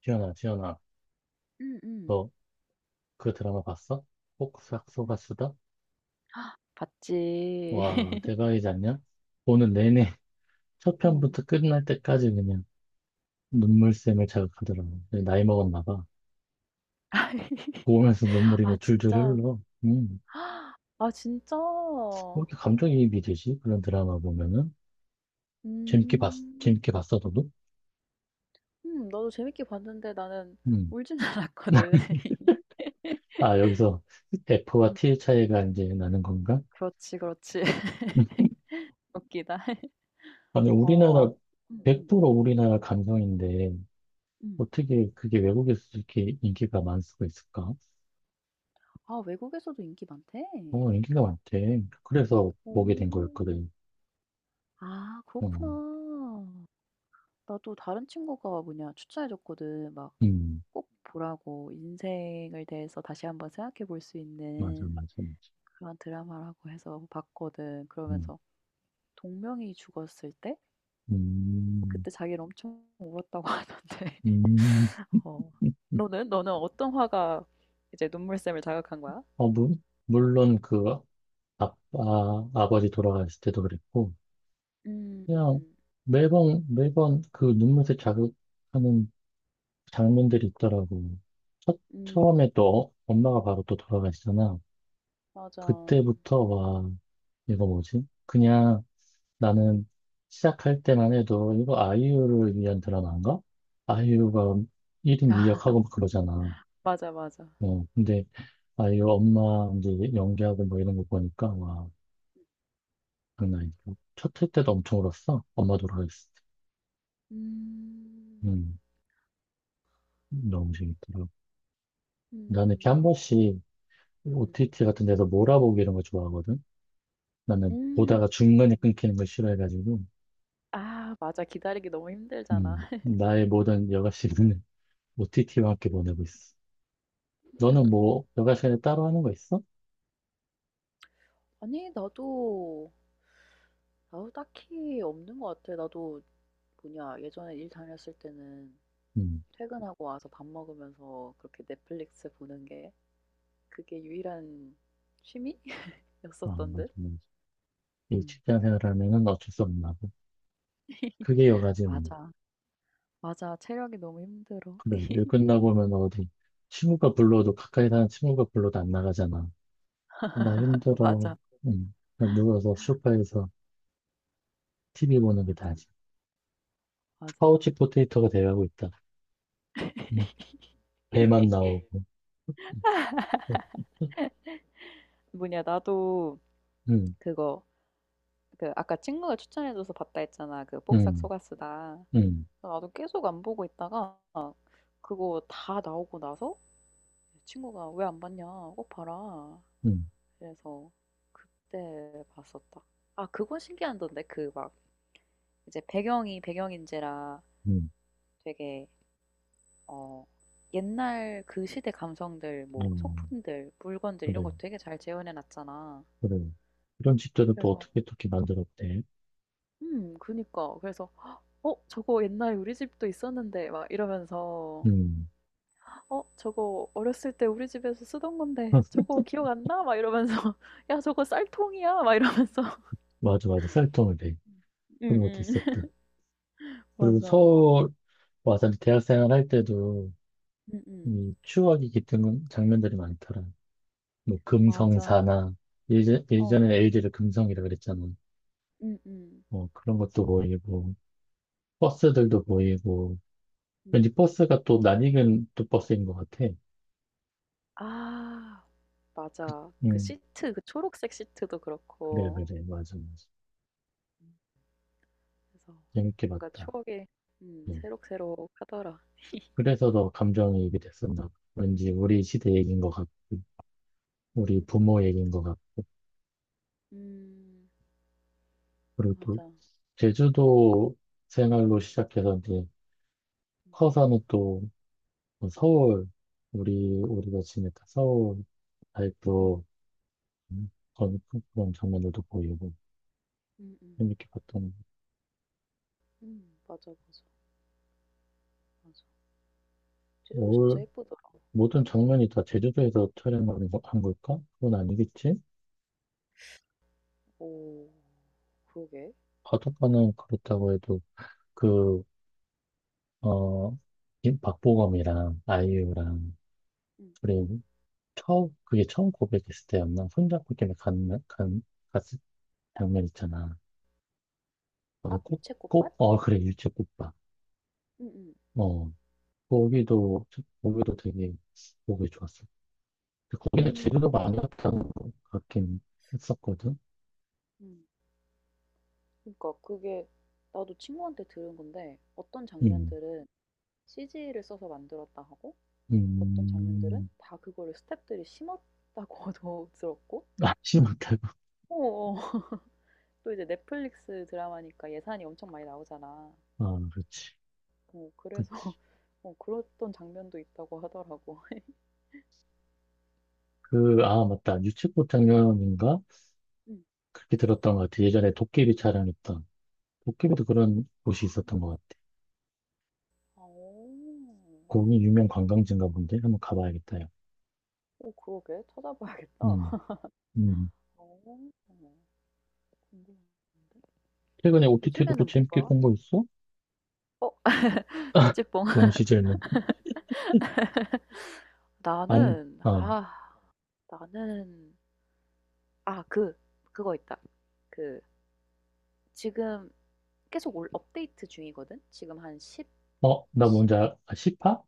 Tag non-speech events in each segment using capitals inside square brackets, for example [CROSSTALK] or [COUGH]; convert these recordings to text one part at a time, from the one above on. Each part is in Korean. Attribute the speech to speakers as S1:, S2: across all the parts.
S1: 지연아, 지연아,
S2: 음음.
S1: 너 그 드라마 봤어?
S2: 음.
S1: 폭삭소가 수다?
S2: 봤지.
S1: 와,
S2: [LAUGHS]
S1: 대박이지 않냐? 오늘 내내 [LAUGHS] 첫
S2: 음.
S1: 편부터 끝날 때까지 그냥 눈물샘을 자극하더라고. 내가 나이 먹었나 봐. 보면서
S2: [LAUGHS]
S1: 눈물이
S2: 아,
S1: 그냥 줄줄
S2: 진짜.
S1: 흘러. 음,
S2: [GASPS] 아, 진짜.
S1: 왜 이렇게 감정이입이 되지? 그런 드라마 보면은. 재밌게 봤,
S2: 음.
S1: 재밌게 봤어, 너도?
S2: 나도 재밌게 봤는데 나는
S1: 음.
S2: 울진 않았거든.
S1: [LAUGHS]
S2: [LAUGHS]
S1: 아, 여기서 F와
S2: 음.
S1: T의 차이가 이제 나는 건가?
S2: 그렇지, 그렇지. [LAUGHS] 웃기다. [LAUGHS]
S1: 아니,
S2: 어 안 음음.
S1: 100% 우리나라 감성인데,
S2: 음. 음.
S1: 어떻게 그게 외국에서 이렇게 인기가 많을 수가 있을까?
S2: 아, 외국에서도 인기 많대?
S1: 어, 인기가 많대. 그래서 보게 된
S2: 오.
S1: 거였거든.
S2: 아,
S1: 어,
S2: 그렇구나. 나도 다른 친구가 뭐냐 추천해 줬거든. 막
S1: 음,
S2: 꼭 보라고 인생에 대해서 다시 한번 생각해 볼 수
S1: 맞아,
S2: 있는
S1: 맞아, 맞아.
S2: 그런 드라마라고 해서 봤거든.
S1: 음,
S2: 그러면서 동명이 죽었을 때
S1: 음,
S2: 그때 자기는 엄청 울었다고 [LAUGHS] 하던데.
S1: 음.
S2: 어. 너는? 너는 어떤 화가 이제 눈물샘을 자극한 거야?
S1: 어, 물, 물론 그 아버지 돌아가셨을 때도 그랬고,
S2: 음, 음,
S1: 그냥
S2: 음,
S1: 매번, 매번 그 눈물을 자극하는 장면들이 있더라고. 첫,
S2: 음,
S1: 처음에 또 엄마가 바로 또 돌아가시잖아.
S2: 맞아.
S1: 그때부터, 와, 이거 뭐지? 그냥
S2: 음.
S1: 나는 시작할 때만 해도 이거 아이유를 위한 드라마인가? 아이유가 1인
S2: 아,
S1: 2역하고
S2: [LAUGHS]
S1: 막 그러잖아.
S2: 맞아, 맞아.
S1: 근데 아이유 엄마 이제 연기하고 뭐 이런 거 보니까 와, 장난 아니고. 첫회 때도 엄청 울었어. 엄마 돌아가셨을 때.
S2: 음,
S1: 너무 재밌더라고. 나는 이렇게 한
S2: 음,
S1: 번씩
S2: 음, 음.
S1: OTT 같은 데서 몰아보기 이런 거 좋아하거든. 나는
S2: 음.
S1: 보다가 중간에 끊기는 걸 싫어해가지고.
S2: 아, 맞아. 기다리기 너무 힘들잖아. [LAUGHS]
S1: 나의 모든 여가 시간을 OTT와 [LAUGHS] 함께 보내고 있어. 너는 뭐 여가 시간에 따로 하는 거 있어?
S2: 아니, 나도 아우 딱히 없는 것 같아. 나도 뭐냐 예전에 일 다녔을 때는
S1: 음,
S2: 퇴근하고 와서 밥 먹으면서 그렇게 넷플릭스 보는 게 그게 유일한
S1: 아,
S2: 취미였었던
S1: 맞아,
S2: 듯.
S1: 맞아.
S2: [LAUGHS]
S1: 이
S2: 음.
S1: 직장 생활하면은 어쩔 수 없나 봐. 그게 여가지 뭐.
S2: 맞아. 맞아. 체력이 너무 힘들어.
S1: 그래, 일 끝나고 오면 어디, 친구가 불러도, 가까이 사는 친구가 불러도 안 나가잖아. 나
S2: [LAUGHS]
S1: 힘들어.
S2: 맞아.
S1: 그냥 누워서 소파에서 TV 보는 게
S2: 맞아.
S1: 다지.
S2: 맞아. 맞아.
S1: 파우치 포테이토가 돼가고 있다. 음, 배만
S2: [LAUGHS]
S1: 나오고. [LAUGHS]
S2: 뭐냐 나도
S1: 음,
S2: 그거 그 아까 친구가 추천해줘서 봤다 했잖아. 그 복삭
S1: 음,
S2: 속았수다.
S1: 음,
S2: 나도 계속 안 보고 있다가 그거 다 나오고 나서 친구가 왜 안 봤냐? 꼭 봐라.
S1: 음,
S2: 그래서 그때 봤었다. 아, 그건 신기하던데. 그 막 이제 배경이 배경인지라
S1: 음.
S2: 되게 어, 옛날 그 시대 감성들 뭐
S1: 음. 어,
S2: 소품들, 물건들 이런
S1: 그래,
S2: 거 되게 잘 재현해 놨잖아.
S1: 그래. 이런 집들은 또
S2: 그래서
S1: 어떻게 어떻게 만들었대?
S2: 그니까. 그래서 어, 저거 옛날에 우리 집도 있었는데 막 이러면서
S1: 음,
S2: 어, 저거 어렸을 때 우리 집에서 쓰던 건데
S1: [LAUGHS]
S2: 저거 기억 안 나? 막 이러면서 [LAUGHS] 야, 저거 쌀통이야? 막 이러면서. [LAUGHS]
S1: 맞아, 맞아. 쌀통을 배.
S2: 응,
S1: 그런 것도
S2: 응.
S1: 있었다. 그리고
S2: 맞아.
S1: 서울 와서 대학 생활할 때도
S2: 응, 응.
S1: 이 추억이 깃든 장면들이 많더라. 뭐
S2: 맞아.
S1: 금성사나
S2: 어.
S1: 예전에 LG를 금성이라 그랬잖아.
S2: 음음.
S1: 뭐 그런 것도 보이고 버스들도 보이고
S2: 음.
S1: 왠지 버스가 또 낯익은 또 버스인 것 같아.
S2: 아, 맞아. 그
S1: 응,
S2: 시트 그 초록색 시트도
S1: 그래
S2: 그렇고
S1: 그래 맞아 맞아.
S2: 그래서
S1: 재밌게
S2: 뭔가
S1: 봤다.
S2: 추억이 음,
S1: 네.
S2: 새록새록하더라.
S1: 그래서 더 감정이입이 됐었나 봐. 왠지 우리 시대 얘기인 것 같고 우리
S2: 음. 음,
S1: 부모 얘기인 것 같고
S2: 음,
S1: 그리고 또
S2: 맞아. 음.
S1: 제주도 생활로 시작해서 이제 커서는 또 뭐 서울 우리가 지냈던 서울 아직도
S2: 음.
S1: 그런 그런 장면들도 보이고
S2: 음, 음,
S1: 재밌게 봤던
S2: 맞아, 맞아, 맞아. 찌도 진짜
S1: 올
S2: 예쁘더라.
S1: 모든
S2: 음.
S1: 장면이 다 제주도에서 촬영한 한 걸까? 그건 아니겠지?
S2: 오, 그러게.
S1: 바닷가는 그렇다고 해도
S2: 음.
S1: 그어 박보검이랑 아이유랑
S2: 음,
S1: 그리고 처음 그게 처음 고백했을 때였나? 손잡고 이렇게 간, 간 갔을 장면 있잖아.
S2: 아,
S1: 그래서
S2: 유채꽃밭?
S1: 그래, 일제꽃밥.
S2: 음,
S1: 거기도, 거기도 되게 보기 좋았어. 근데
S2: 음,
S1: 거기는 재료도 많이
S2: 맞아.
S1: 갔다는 것 같긴 했었거든.
S2: 음. 그니까 그게 나도 친구한테 들은 건데 어떤
S1: 음,
S2: 장면들은 CG를 써서 만들었다 하고 어떤 장면들은
S1: 음,
S2: 다 그거를 스태프들이 심었다고도 들었고
S1: [LAUGHS] 아, 심었다고?
S2: 어어. [LAUGHS] 또 이제 넷플릭스 드라마니까 예산이 엄청 많이 나오잖아.
S1: 아, 그렇지,
S2: 어 그래서
S1: 그렇지.
S2: [LAUGHS] 어 그랬던 장면도 있다고 하더라고. [LAUGHS]
S1: 아, 맞다. 유채꽃장면인가?
S2: 음.
S1: 그렇게 들었던 것 같아. 예전에 도깨비 촬영했던. 도깨비도 그런
S2: 아.
S1: 곳이 있었던 것 같아.
S2: 오.
S1: 거기 유명 관광지인가 본데? 한번 가봐야겠다, 요
S2: 오, 그러게. 찾아봐야겠다.
S1: 음, 음.
S2: 어. 궁금한데.
S1: 최근에 OTT로 또
S2: 요즘에는 뭐
S1: 재밌게
S2: 봐?
S1: 본 거 있어?
S2: 어, 아, 찌찌뽕.
S1: [LAUGHS]
S2: [LAUGHS]
S1: 동시 질문. 안,
S2: 나는
S1: 어,
S2: 아 나는 아 그 그거 있다. 그 지금 계속 올 업데이트 중이거든. 지금 한1
S1: 어, 나
S2: 십1
S1: 뭔지 알아? 시파?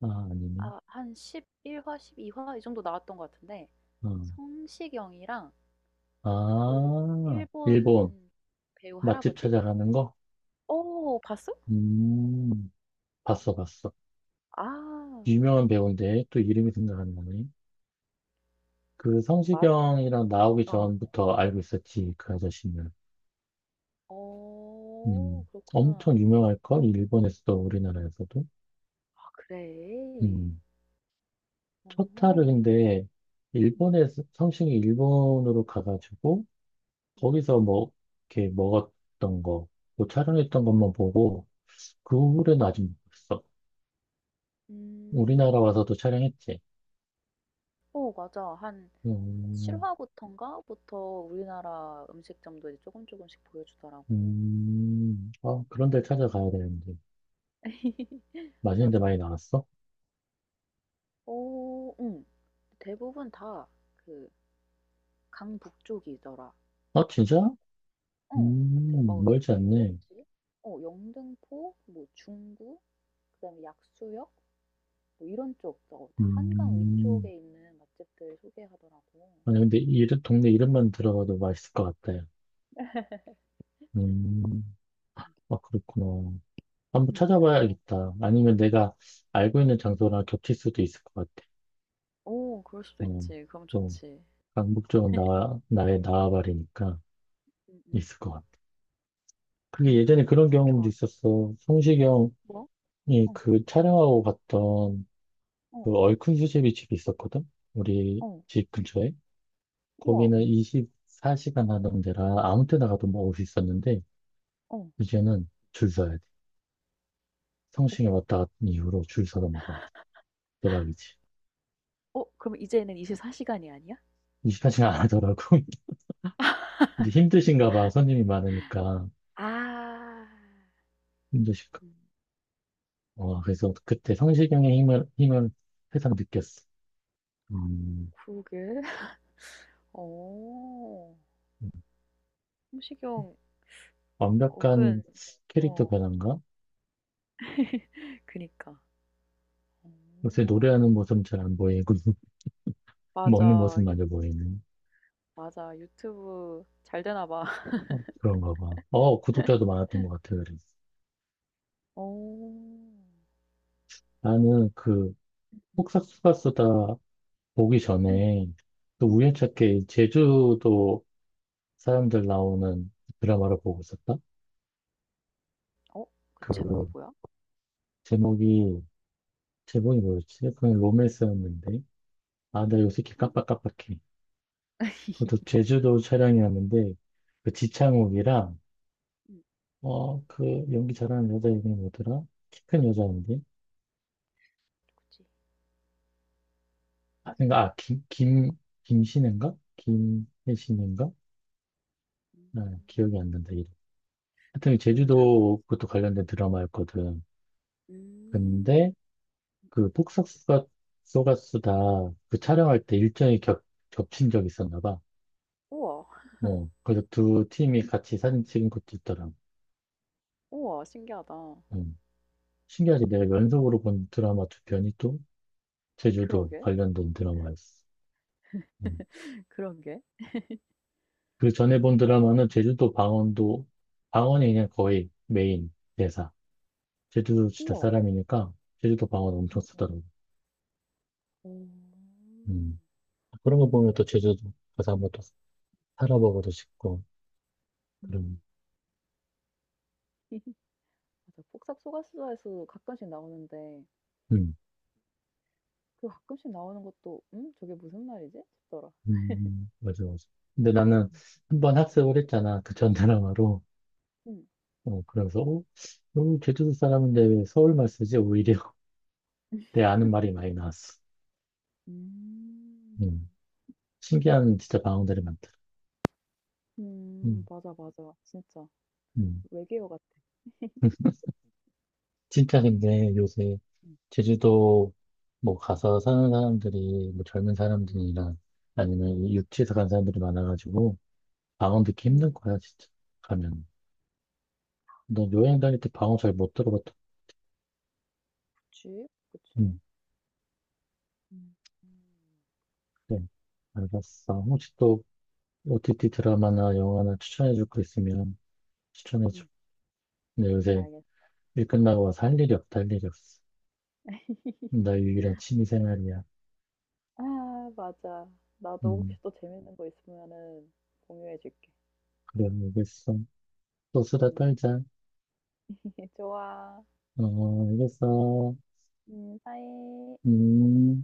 S1: 아, 아니네.
S2: 아, 한 십일화 12화 이 정도 나왔던 것 같은데
S1: 어.
S2: 성시경이랑 그
S1: 아, 일본
S2: 일본 배우
S1: 맛집
S2: 할아버지?
S1: 찾아가는 거?
S2: 어, 봤어?
S1: 음, 봤어, 봤어.
S2: 아,
S1: 유명한 배우인데 또 이름이 생각 안 나네. 그
S2: 어,
S1: 성시경이랑 나오기
S2: 어,
S1: 전부터 알고 있었지, 그 아저씨는.
S2: 어, 그렇구나.
S1: 엄청 유명할걸? 일본에서도 우리나라에서도.
S2: 아, 그래.
S1: 음, 첫 타를 근
S2: 어,
S1: 데
S2: 음, 음,
S1: 일본에서 성시경이 일본으로 가가지고
S2: 음,
S1: 거기서 뭐 이렇게 먹었던 거, 뭐 촬영했던 것만 보고 그
S2: 음,
S1: 후로는
S2: 음.
S1: 아직 못 봤어. 우리나라
S2: 음.
S1: 와서도 촬영했지.
S2: 어, 맞아. 한
S1: 음,
S2: 7화부터인가부터 우리나라 음식점도 이제 조금 조금씩 보여주더라고.
S1: 아, 그런 데 찾아가야 되는데.
S2: [LAUGHS]
S1: 맛있는 데
S2: 맞아.
S1: 많이 나왔어?
S2: 어 응. 대부분 다 그 강북쪽이더라.
S1: 아, 진짜?
S2: 어. 막
S1: 멀지 않네.
S2: 어디였지? 어, 영등포, 뭐 중구, 그다음에 약수역 뭐 이런 쪽, 어, 다 한강
S1: 음,
S2: 위쪽에 있는 맛집들 소개하더라고.
S1: 아니, 근데 동네 이름만 들어가도 맛있을 것 같아요. 음, 아, 그렇구나. 한번
S2: 음. 그래서
S1: 찾아봐야겠다. 아니면 내가 알고 있는
S2: 음.
S1: 장소랑 겹칠 수도 있을 것 같아.
S2: 오, 그럴 수도
S1: 어,
S2: 있지. 그럼
S1: 또,
S2: 좋지.
S1: 강북 쪽은 나의 나와바리니까
S2: 음. 음.
S1: 있을 것 같아. 그게 예전에
S2: 음.
S1: 그런 경험도
S2: 좋아, 좋아.
S1: 있었어. 성시경
S2: 뭐?
S1: 이
S2: 어.
S1: 그 촬영하고 갔던
S2: 어.
S1: 그
S2: 어.
S1: 얼큰 수제비 집이 있었거든? 우리
S2: 어.
S1: 집 근처에.
S2: 우와.
S1: 거기는
S2: 음.
S1: 24시간 하던 데라 아무 때나 가도 먹을 수 있었는데,
S2: 어.
S1: 이제는 줄 서야 돼.
S2: 어,
S1: 성심에 왔다 갔던 이후로 줄 서서 먹어야 돼. 대박이지.
S2: 어, 그럼 이제는 24시간이 아니야?
S1: 24시간 안 하더라고. [LAUGHS] 이제 힘드신가 봐. 손님이 많으니까.
S2: 아.
S1: 힘드실까. 와, 그래서 그때 성시경의 힘을 세상 느꼈어. 음,
S2: 그러게. 어.
S1: 음.
S2: 성시경 어근
S1: 완벽한 캐릭터
S2: 어.
S1: 변화인가?
S2: [LAUGHS] 그니까. 어.
S1: 요새 노래하는 모습은 잘 안 보이고. 먹는
S2: 맞아. 유
S1: 모습마저 보이는
S2: 맞아. 유튜브 잘 되나 봐. [LAUGHS]
S1: 그런가 봐. 어, 구독자도 많았던 것 같아, 그래.
S2: 어.
S1: 나는 그 폭싹수가 쓰다 보기
S2: 응,
S1: 전에 또
S2: 응, 응.
S1: 우연찮게 제주도 사람들 나오는 드라마를 보고 있었다.
S2: 어? 그 제목이
S1: 그
S2: 뭐야?
S1: 제목이 제목이 뭐였지? 그냥 로맨스였는데 아,
S2: 어.
S1: 나 요새 이렇게
S2: 한
S1: 깜빡깜빡해. 그것도 제주도 촬영이었는데 그
S2: 응,
S1: 지창욱이랑
S2: 응,
S1: 그 연기 잘하는 여자 이름이 뭐더라? 키 큰 여자인데
S2: 그치.
S1: 아, 그러 아, 김, 김, 김신인가? 김혜신인가? 아,
S2: 음.
S1: 기억이 안 난다, 이름. 하여튼
S2: 나도 배우는 잘 모르겠어.
S1: 제주도 그것도 관련된 드라마였거든. 근데
S2: 음.
S1: 그
S2: 음음.
S1: 폭싹소가 쏘가수다 그 촬영할 때 일정이 겹친 적이 있었나 봐.
S2: 우와.
S1: 어, 그래서 두 팀이 같이 사진 찍은 것도 있더라고.
S2: 우와, 신기하다.
S1: 음. 신기하지? 내가
S2: 음.
S1: 연속으로 본 드라마 두 편이 또 제주도
S2: 그러게.
S1: 관련된 드라마였어. 음.
S2: 그러게.
S1: 그 전에 본
S2: 어 응,
S1: 드라마는 방언이 그냥
S2: 응.
S1: 거의 메인 대사. 제주도 진짜
S2: 우와.
S1: 사람이니까 제주도 방언 엄청
S2: 응, 응.
S1: 쓰더라고.
S2: 오,
S1: 음. 그런 거 보면 또
S2: 음.
S1: 제주도 가서 한번 또 살아보고도 싶고 그런.
S2: 음음. [LAUGHS] 맞아. 폭삭소가수다에서도 가끔씩 나오는데
S1: 음.
S2: 그 가끔씩 나오는 것도 '음? 저게 무슨 말이지?' 싶더라.
S1: 음. 음. 맞아 맞아. 근데 나는 한번 학습을 했잖아 그 전드라마로
S2: 음. 음.
S1: 그래서 제주도 사람인데 왜 서울말 쓰지? 오히려 [LAUGHS]
S2: [LAUGHS]
S1: 내 아는 말이 많이 나왔어.
S2: 음.
S1: 음. 신기한 진짜 방언들이 많더라.
S2: 음.
S1: 음.
S2: 맞아, 맞아. 진짜.
S1: 음.
S2: 외계어 같아.
S1: [LAUGHS] 진짜 근데 요새
S2: 음.
S1: 제주도 뭐 가서 사는 사람들이 뭐 젊은
S2: 음.
S1: 사람들이나 아니면 이 육지에서 간 사람들이 많아가지고 방언 듣기 힘든
S2: 음.
S1: 거야 진짜 가면. 너 여행 다닐 때 방언 잘 못 들어봤다.
S2: 그치. 그치.
S1: 응.
S2: 음. 음.
S1: 그래
S2: 맞아.
S1: 알았어.
S2: 음.
S1: 혹시 또 OTT 드라마나 영화나 추천해 줄 거 있으면 추천해 줘.
S2: 음.
S1: 근데 요새
S2: 알겠어.
S1: 일 끝나고 와서 할 일이 없다, 할 일이 없어. 나
S2: [LAUGHS]
S1: 유일한 취미 생활이야.
S2: 아, 맞아. 나도
S1: 음.
S2: 혹시 또 재밌는 거 있으면은 공유해 줄게.
S1: 그래 알겠어. 또 수다
S2: 음.
S1: 떨자.
S2: [LAUGHS] 좋아.
S1: 어 알겠어.
S2: 음. 바이.
S1: 음.